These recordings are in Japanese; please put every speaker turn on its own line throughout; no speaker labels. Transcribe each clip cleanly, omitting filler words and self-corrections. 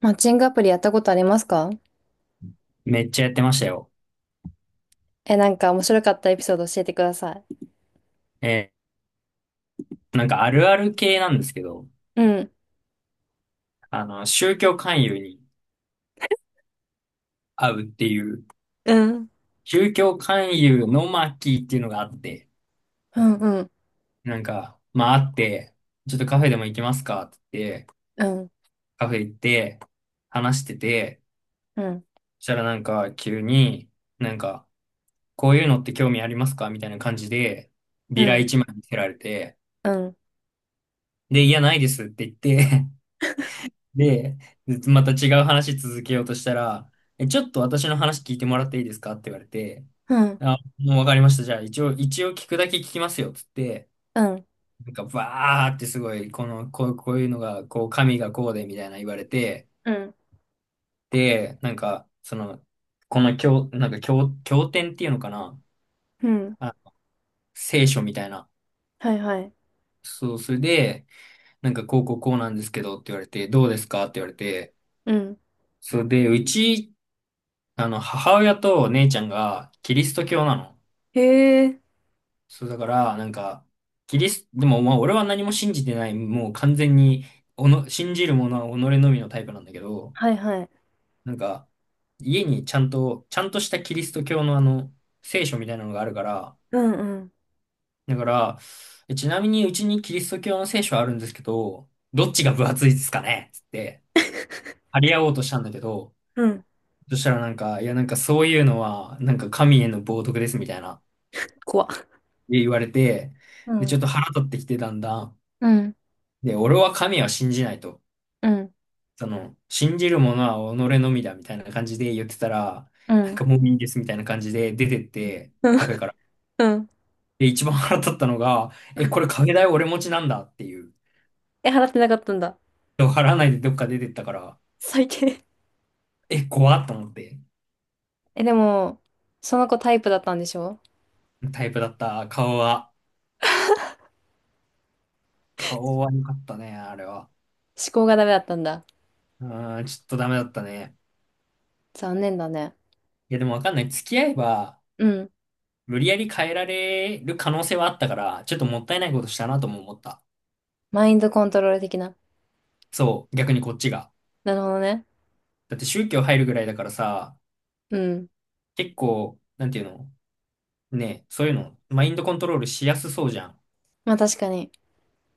マッチングアプリやったことありますか？
めっちゃやってましたよ。
え、なんか面白かったエピソード教えてください。
えなんかあるある系なんですけど、
うん。
あの、宗教勧誘に会うっていう、
うん。
宗教勧誘の巻っていうのがあって、
うん、うん、
なんか、まああって、ちょっとカフェでも行きますかって言って、
うん、
カフェ行って、話してて、
うん、
そしたらなんか急に、なんか、こういうのって興味ありますかみたいな感じで、
う
ビラ
ん、
一枚見せられて、
うん、
で、いや、ないですって言って、で、また違う話続けようとしたら、え、ちょっと私の話聞いてもらっていいですかって言われて、
うん、
あ、もうわかりました。じゃあ一応聞くだけ聞きますよ。つって、
うん、
なんかバーってすごい、こういうのが、こう、神がこうで、みたいな言われて、
うん、
で、なんか、その、この経、なんか経、経典っていうのかな
うん、
あ、聖書みたいな。
はいはい。
そう、それで、なんかこうこうこうなんですけどって言われて、どうですかって言われて、
うん。
それで、うちあの、母親と姉ちゃんがキリスト教なの。
へえ。
そう、だから、なんか、キリス、でも、まあ、俺は何も信じてない、もう完全に、信じるものは己のみのタイプなんだけど、
はいはい。
なんか、家にちゃんとしたキリスト教のあの、聖書みたいなのがあるから、
うん、うん、
だから、えちなみにうちにキリスト教の聖書あるんですけど、どっちが分厚いですかねつって、張り合おうとしたんだけど、
うん。
そしたらなんか、いやなんかそういうのは、なんか神への冒涜ですみたいな。
怖っ。
で言われて、
う
で、ちょ
ん、
っと腹立ってきてだんだん。
うん、
で、俺は神は信じないと。
うん、
その、信じるものは己のみだみたいな感じで言ってたら、
う
なん
ん。
かもういいですみたいな感じで出てっ
うん。
て、カフェから。
うん
で、一番腹立ったのが、え、これカフェ代俺持ちなんだっていう。
え、払ってなかったんだ。
払わないでどっか出てったから、
最低。
え、怖っと思って。
え、でも、その子タイプだったんでしょ？
タイプだった。顔は。顔は良かったね、あれは。
思考がダメだったんだ。
うーん、ちょっとダメだったね。
残念だね。
いや、でもわかんない。付き合えば、
うん。
無理やり変えられる可能性はあったから、ちょっともったいないことしたなとも思った。
マインドコントロール的な。
そう、逆にこっちが。
なるほどね。
だって宗教入るぐらいだからさ、
うん。
結構、なんていうのね、そういうの、マインドコントロールしやすそうじゃん。
まあ確かに。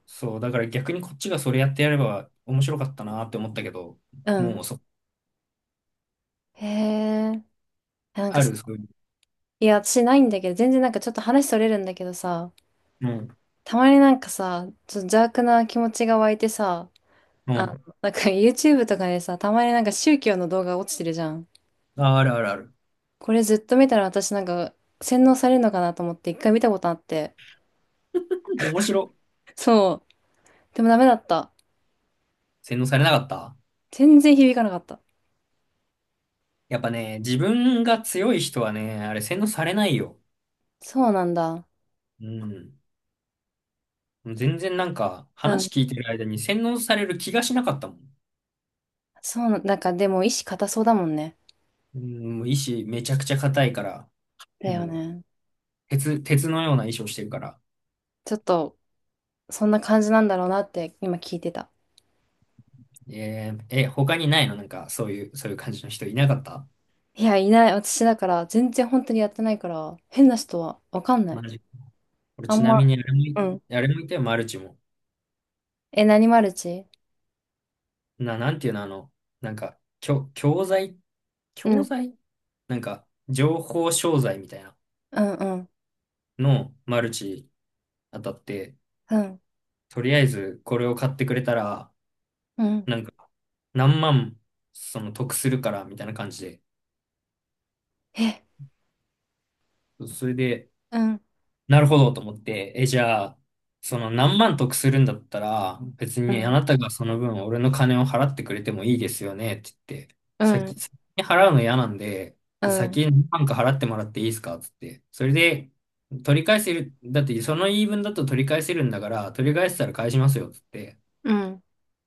そう、だから逆にこっちがそれやってやれば面白かったなって思ったけど、
うん。
もうそ、
へえ。いやなんか
あ
さ、
る、そういう。
いや、私ないんだけど、全然なんかちょっと話それるんだけどさ、
うん、
たまになんかさ、ちょっと邪悪な気持ちが湧いてさ、
うん。
なんか YouTube とかでさ、たまになんか宗教の動画落ちてるじゃん。
あ、あるあるある。
これずっと見たら私なんか洗脳されるのかなと思って一回見たことあって。
面白。
そう。でもダメだった。
洗脳されなかった
全然響かなかった。
やっぱね、自分が強い人はね、あれ洗脳されないよ。
そうなんだ。
うん。もう全然なんか
う
話
ん。
聞いてる間に洗脳される気がしなかったもん。
なんかでも意志固そうだもんね。
うん、もう意志めちゃくちゃ硬いから、
だよ
もう
ね。
鉄のような意志をしてるから。
ちょっと、そんな感じなんだろうなって今聞いてた。
え、他にないのなんかそういう、そういう感じの人いなかった
いや、いない。私だから、全然本当にやってないから、変な人はわかんない。
マジ。俺
あん
ちな
ま、
みに
うん。
あれもいたよ、マルチも。
え、何マルチ？
なんていうの、あの、なんか、
う
教
ん。
材なんか、情報商材みたいな
うん、うん、
の、マルチ当たって、
うん、
とりあえずこれを買ってくれたら、
うん。
なんか、何万、その得するから、みたいな感じで。
え、
それで、
うん、
なるほどと思って、え、じゃあ、その何万得するんだったら、別
う
にあ
ん、
なたがその分俺の金を払ってくれてもいいですよね、って言って、
うん、
先に払うの嫌なんで、
う
じゃあ先
ん、
に何万か払ってもらっていいですか、って言って。それで、取り返せる、だってその言い分だと取り返せるんだから、取り返せたら返しますよ、って言って
うん、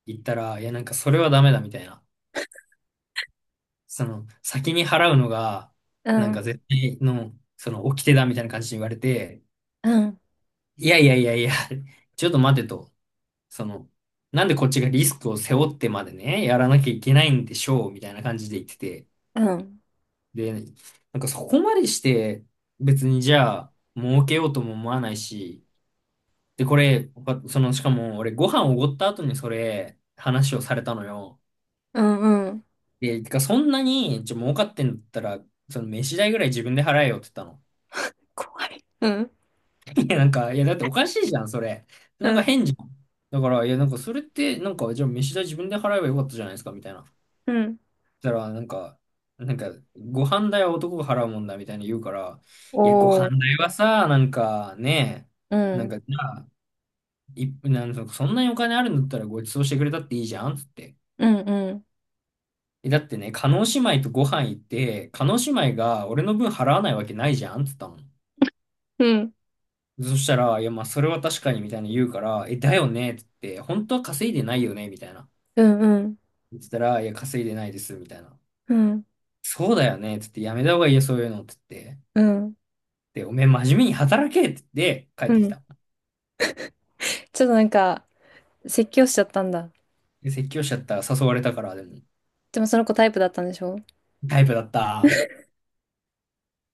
言ったら、いや、なんかそれはダメだ、みたいな。その、先に払うのが、
う
なん
ん、
か絶対の、その、掟だみたいな感じに言われて、
うん、
いやいやいやいや、ちょっと待てと、その、なんでこっちがリスクを背負ってまでね、やらなきゃいけないんでしょう、みたいな感じで言ってて。
うん、
で、なんかそこまでして、別にじゃあ、儲けようとも思わないし、で、これ、わその、しかも俺ご飯おごった後にそれ、話をされたのよ。
うん、うん。
で、てかそんなに、じゃ儲かってんだったら、その飯代ぐらい自分で払えよって言ったの。
怖い。うん、
いや、なんか、いや、だっておかしいじゃん、それ。なん
う
か
ん、
変じゃん。だから、いや、なんか、それって、なんか、じゃあ、飯代自分で払えばよかったじゃないですか、みたいな。そ
うん。
したら、なんか、なんか、ご飯代は男が払うもんだ、みたいに言うから、いや、ご
おー。
飯代はさ、なんか、ね
う
え、なん
ん、
か、じゃあ、なんか、そんなにお金あるんだったらご馳走してくれたっていいじゃん、つって。
うん、うん、
え、だってね、叶姉妹とご飯行って、叶姉妹が俺の分払わないわけないじゃん、つったの。
うん、
そしたら、いや、まあ、それは確かに、みたいな言うから、え、だよねって言って、本当は稼いでないよねみたいな。
うん、うん、
言ってたら、いや、稼いでないです、みたいな。
うん、
そうだよねって言って、やめた方がいいよ、そういうのって言って。
うん、
で、おめえ真面目に働けって言って、帰っ
う
てき
ん。
た。
ちょっとなんか、説教しちゃったんだ。
で、説教しちゃったら誘われたから、でも、
でもその子タイプだったんでしょ？
タイプだった。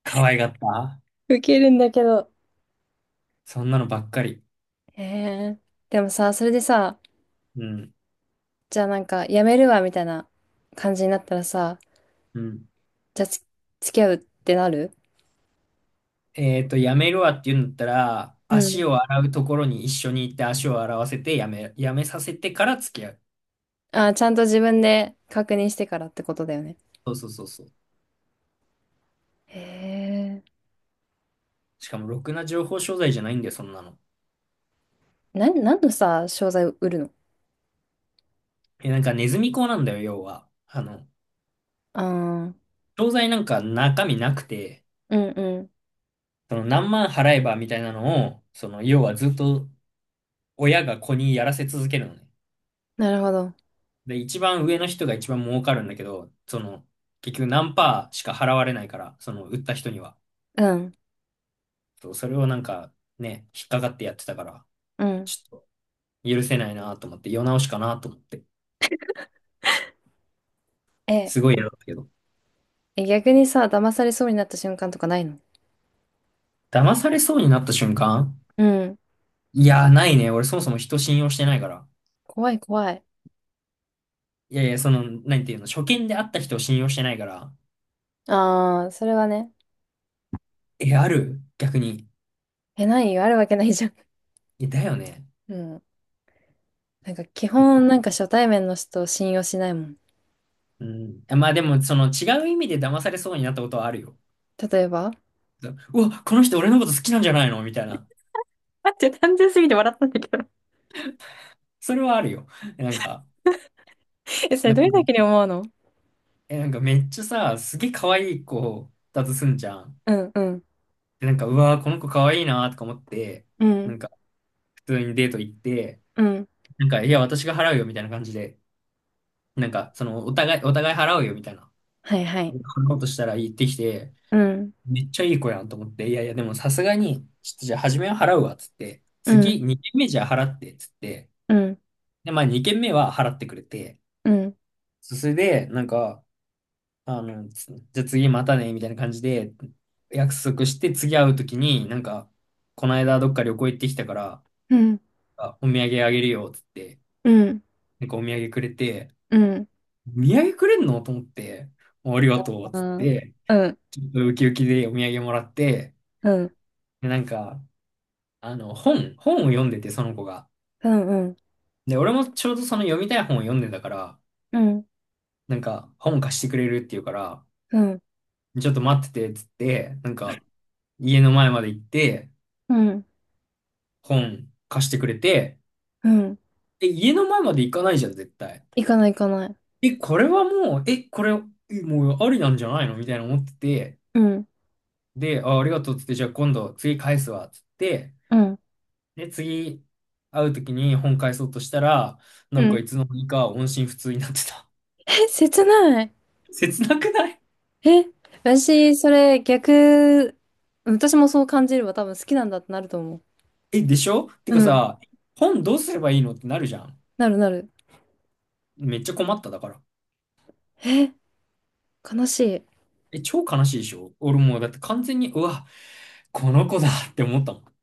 可愛がった。
ウケるんだけど。
そんなのばっかり。
へえ。でもさ、それでさ、
うん。
じゃあなんか、やめるわ、みたいな感じになったらさ、
うん。
じゃあ、付き合うってなる？
えっと、やめるわって言うんだったら、
うん。
足を洗うところに一緒に行って足を洗わせて、やめさせてから付き合う。
あー、ちゃんと自分で確認してからってことだよね。
そうそうそうそう。
へえ。
しかも、ろくな情報商材じゃないんだよ、そんなの。
何のさ、商材を売るの？
え、なんかネズミ講なんだよ、要は。あの、
ああー、
商材なんか中身なくて、
うんうん。
その何万払えばみたいなのを、その、要はずっと親が子にやらせ続けるのね。
なるほど。
で、一番上の人が一番儲かるんだけど、その、結局何パーしか払われないから、その、売った人には。
うん、
そう、それをなんか、ね、引っかかってやってたから、
うん。
ちょっと許せないなと思って、世直しかなと思って。
え、
すごい嫌だったけど。
え、逆にさ、騙されそうになった瞬間とかないの？
騙されそうになった瞬間、
うん。
いやー、ないね。俺そもそも人信用してないから。
怖い怖い。
いやいや、その、なんていうの、初見で会った人を信用してないから。
ああ、それはね。
え、ある逆に。
え、ないよ。あるわけないじゃん。
え、だよね。
うん。なんか基本なんか初対面の人を信用しないもん。
うん。まあでも、その違う意味で騙されそうになったことはあるよ。
例えば？
うわ、この人俺のこと好きなんじゃないのみたいな。
待って、単純すぎて笑ったんだけど。
それはあるよ。えなんか、
え、それ
なん
どうい
か、
う時に思うの？
え、なんかめっちゃさ、すげえ可愛い子だとすんじゃん。
うん、うん、
で、なんか、うわ、この子可愛いなとか思って、
う
な
ん、
んか、普通にデート行って、
うん、
なんか、いや、私が払うよみたいな感じで。なんか、その、お互い払うよみたいな、
はいは
こ
い。
んなことしたら言ってきて、
うん、
めっちゃいい子やんと思って、いやいや、でもさすがに、ちょっとじゃあ初めは払うわ、つって、
う
次、
ん、
2軒目じゃあ払って、つって、
うん、
で、まあ2軒目は払ってくれて、
うん、
そそれで、なんか、あの、じゃあ次またね、みたいな感じで、約束して、次会うときに、なんか、この間どっか旅行行ってきたから、
うん、
あ、お土産あげるよ、つって、
うん、うん、
なんかお土産くれて、
うん。うん、
お土産くれんのと思って、ありがとう、
う
つっ
ん、
て、
うん、
ちょっとウキウキでお土産もらって、
うん、
で、なんか、あの、本を読んでて、その子が。
うん、
で、俺もちょうどその読みたい本を読んでたから、なんか、本貸してくれるっていうから、
う
ちょっと待ってて、つって、なんか、家の前まで行って、
ん、
本貸してくれて、
うん。
え、家の前まで行かないじゃん、絶対。
行かない行かない。
え、これはもう、え、これ、えもうありなんじゃないのみたいな思ってて、
うん、
で、あ、ありがとうっつって、じゃあ今度、次返すわ、っつって、
うん、
で、次会うときに本返そうとしたら、
う
なんか
ん。
いつの間にか音信不通になってた。
え、切ない。
切なくない
え、私、それ逆、私もそう感じれば多分好きなんだってなると思
え、でしょて
う。
か
うん、
さ、本どうすればいいのってなるじゃん。
なるなる。
めっちゃ困っただから。
え、悲しい。
え、超悲しいでしょ俺もうだって完全に、うわ、この子だって思ったもん。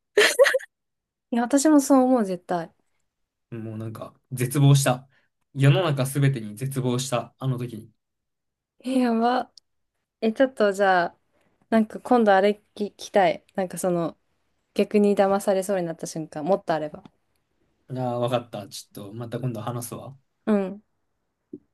いや、私もそう思う、絶対。
もうなんか、絶望した。世の中すべてに絶望した、あの時に。
え、やば。え、ちょっとじゃあ、なんか今度あれ聞きたい。なんかその、逆に騙されそうになった瞬間、もっとあれば。
ああ、わかった。ちょっと、また今度話すわ。
うん。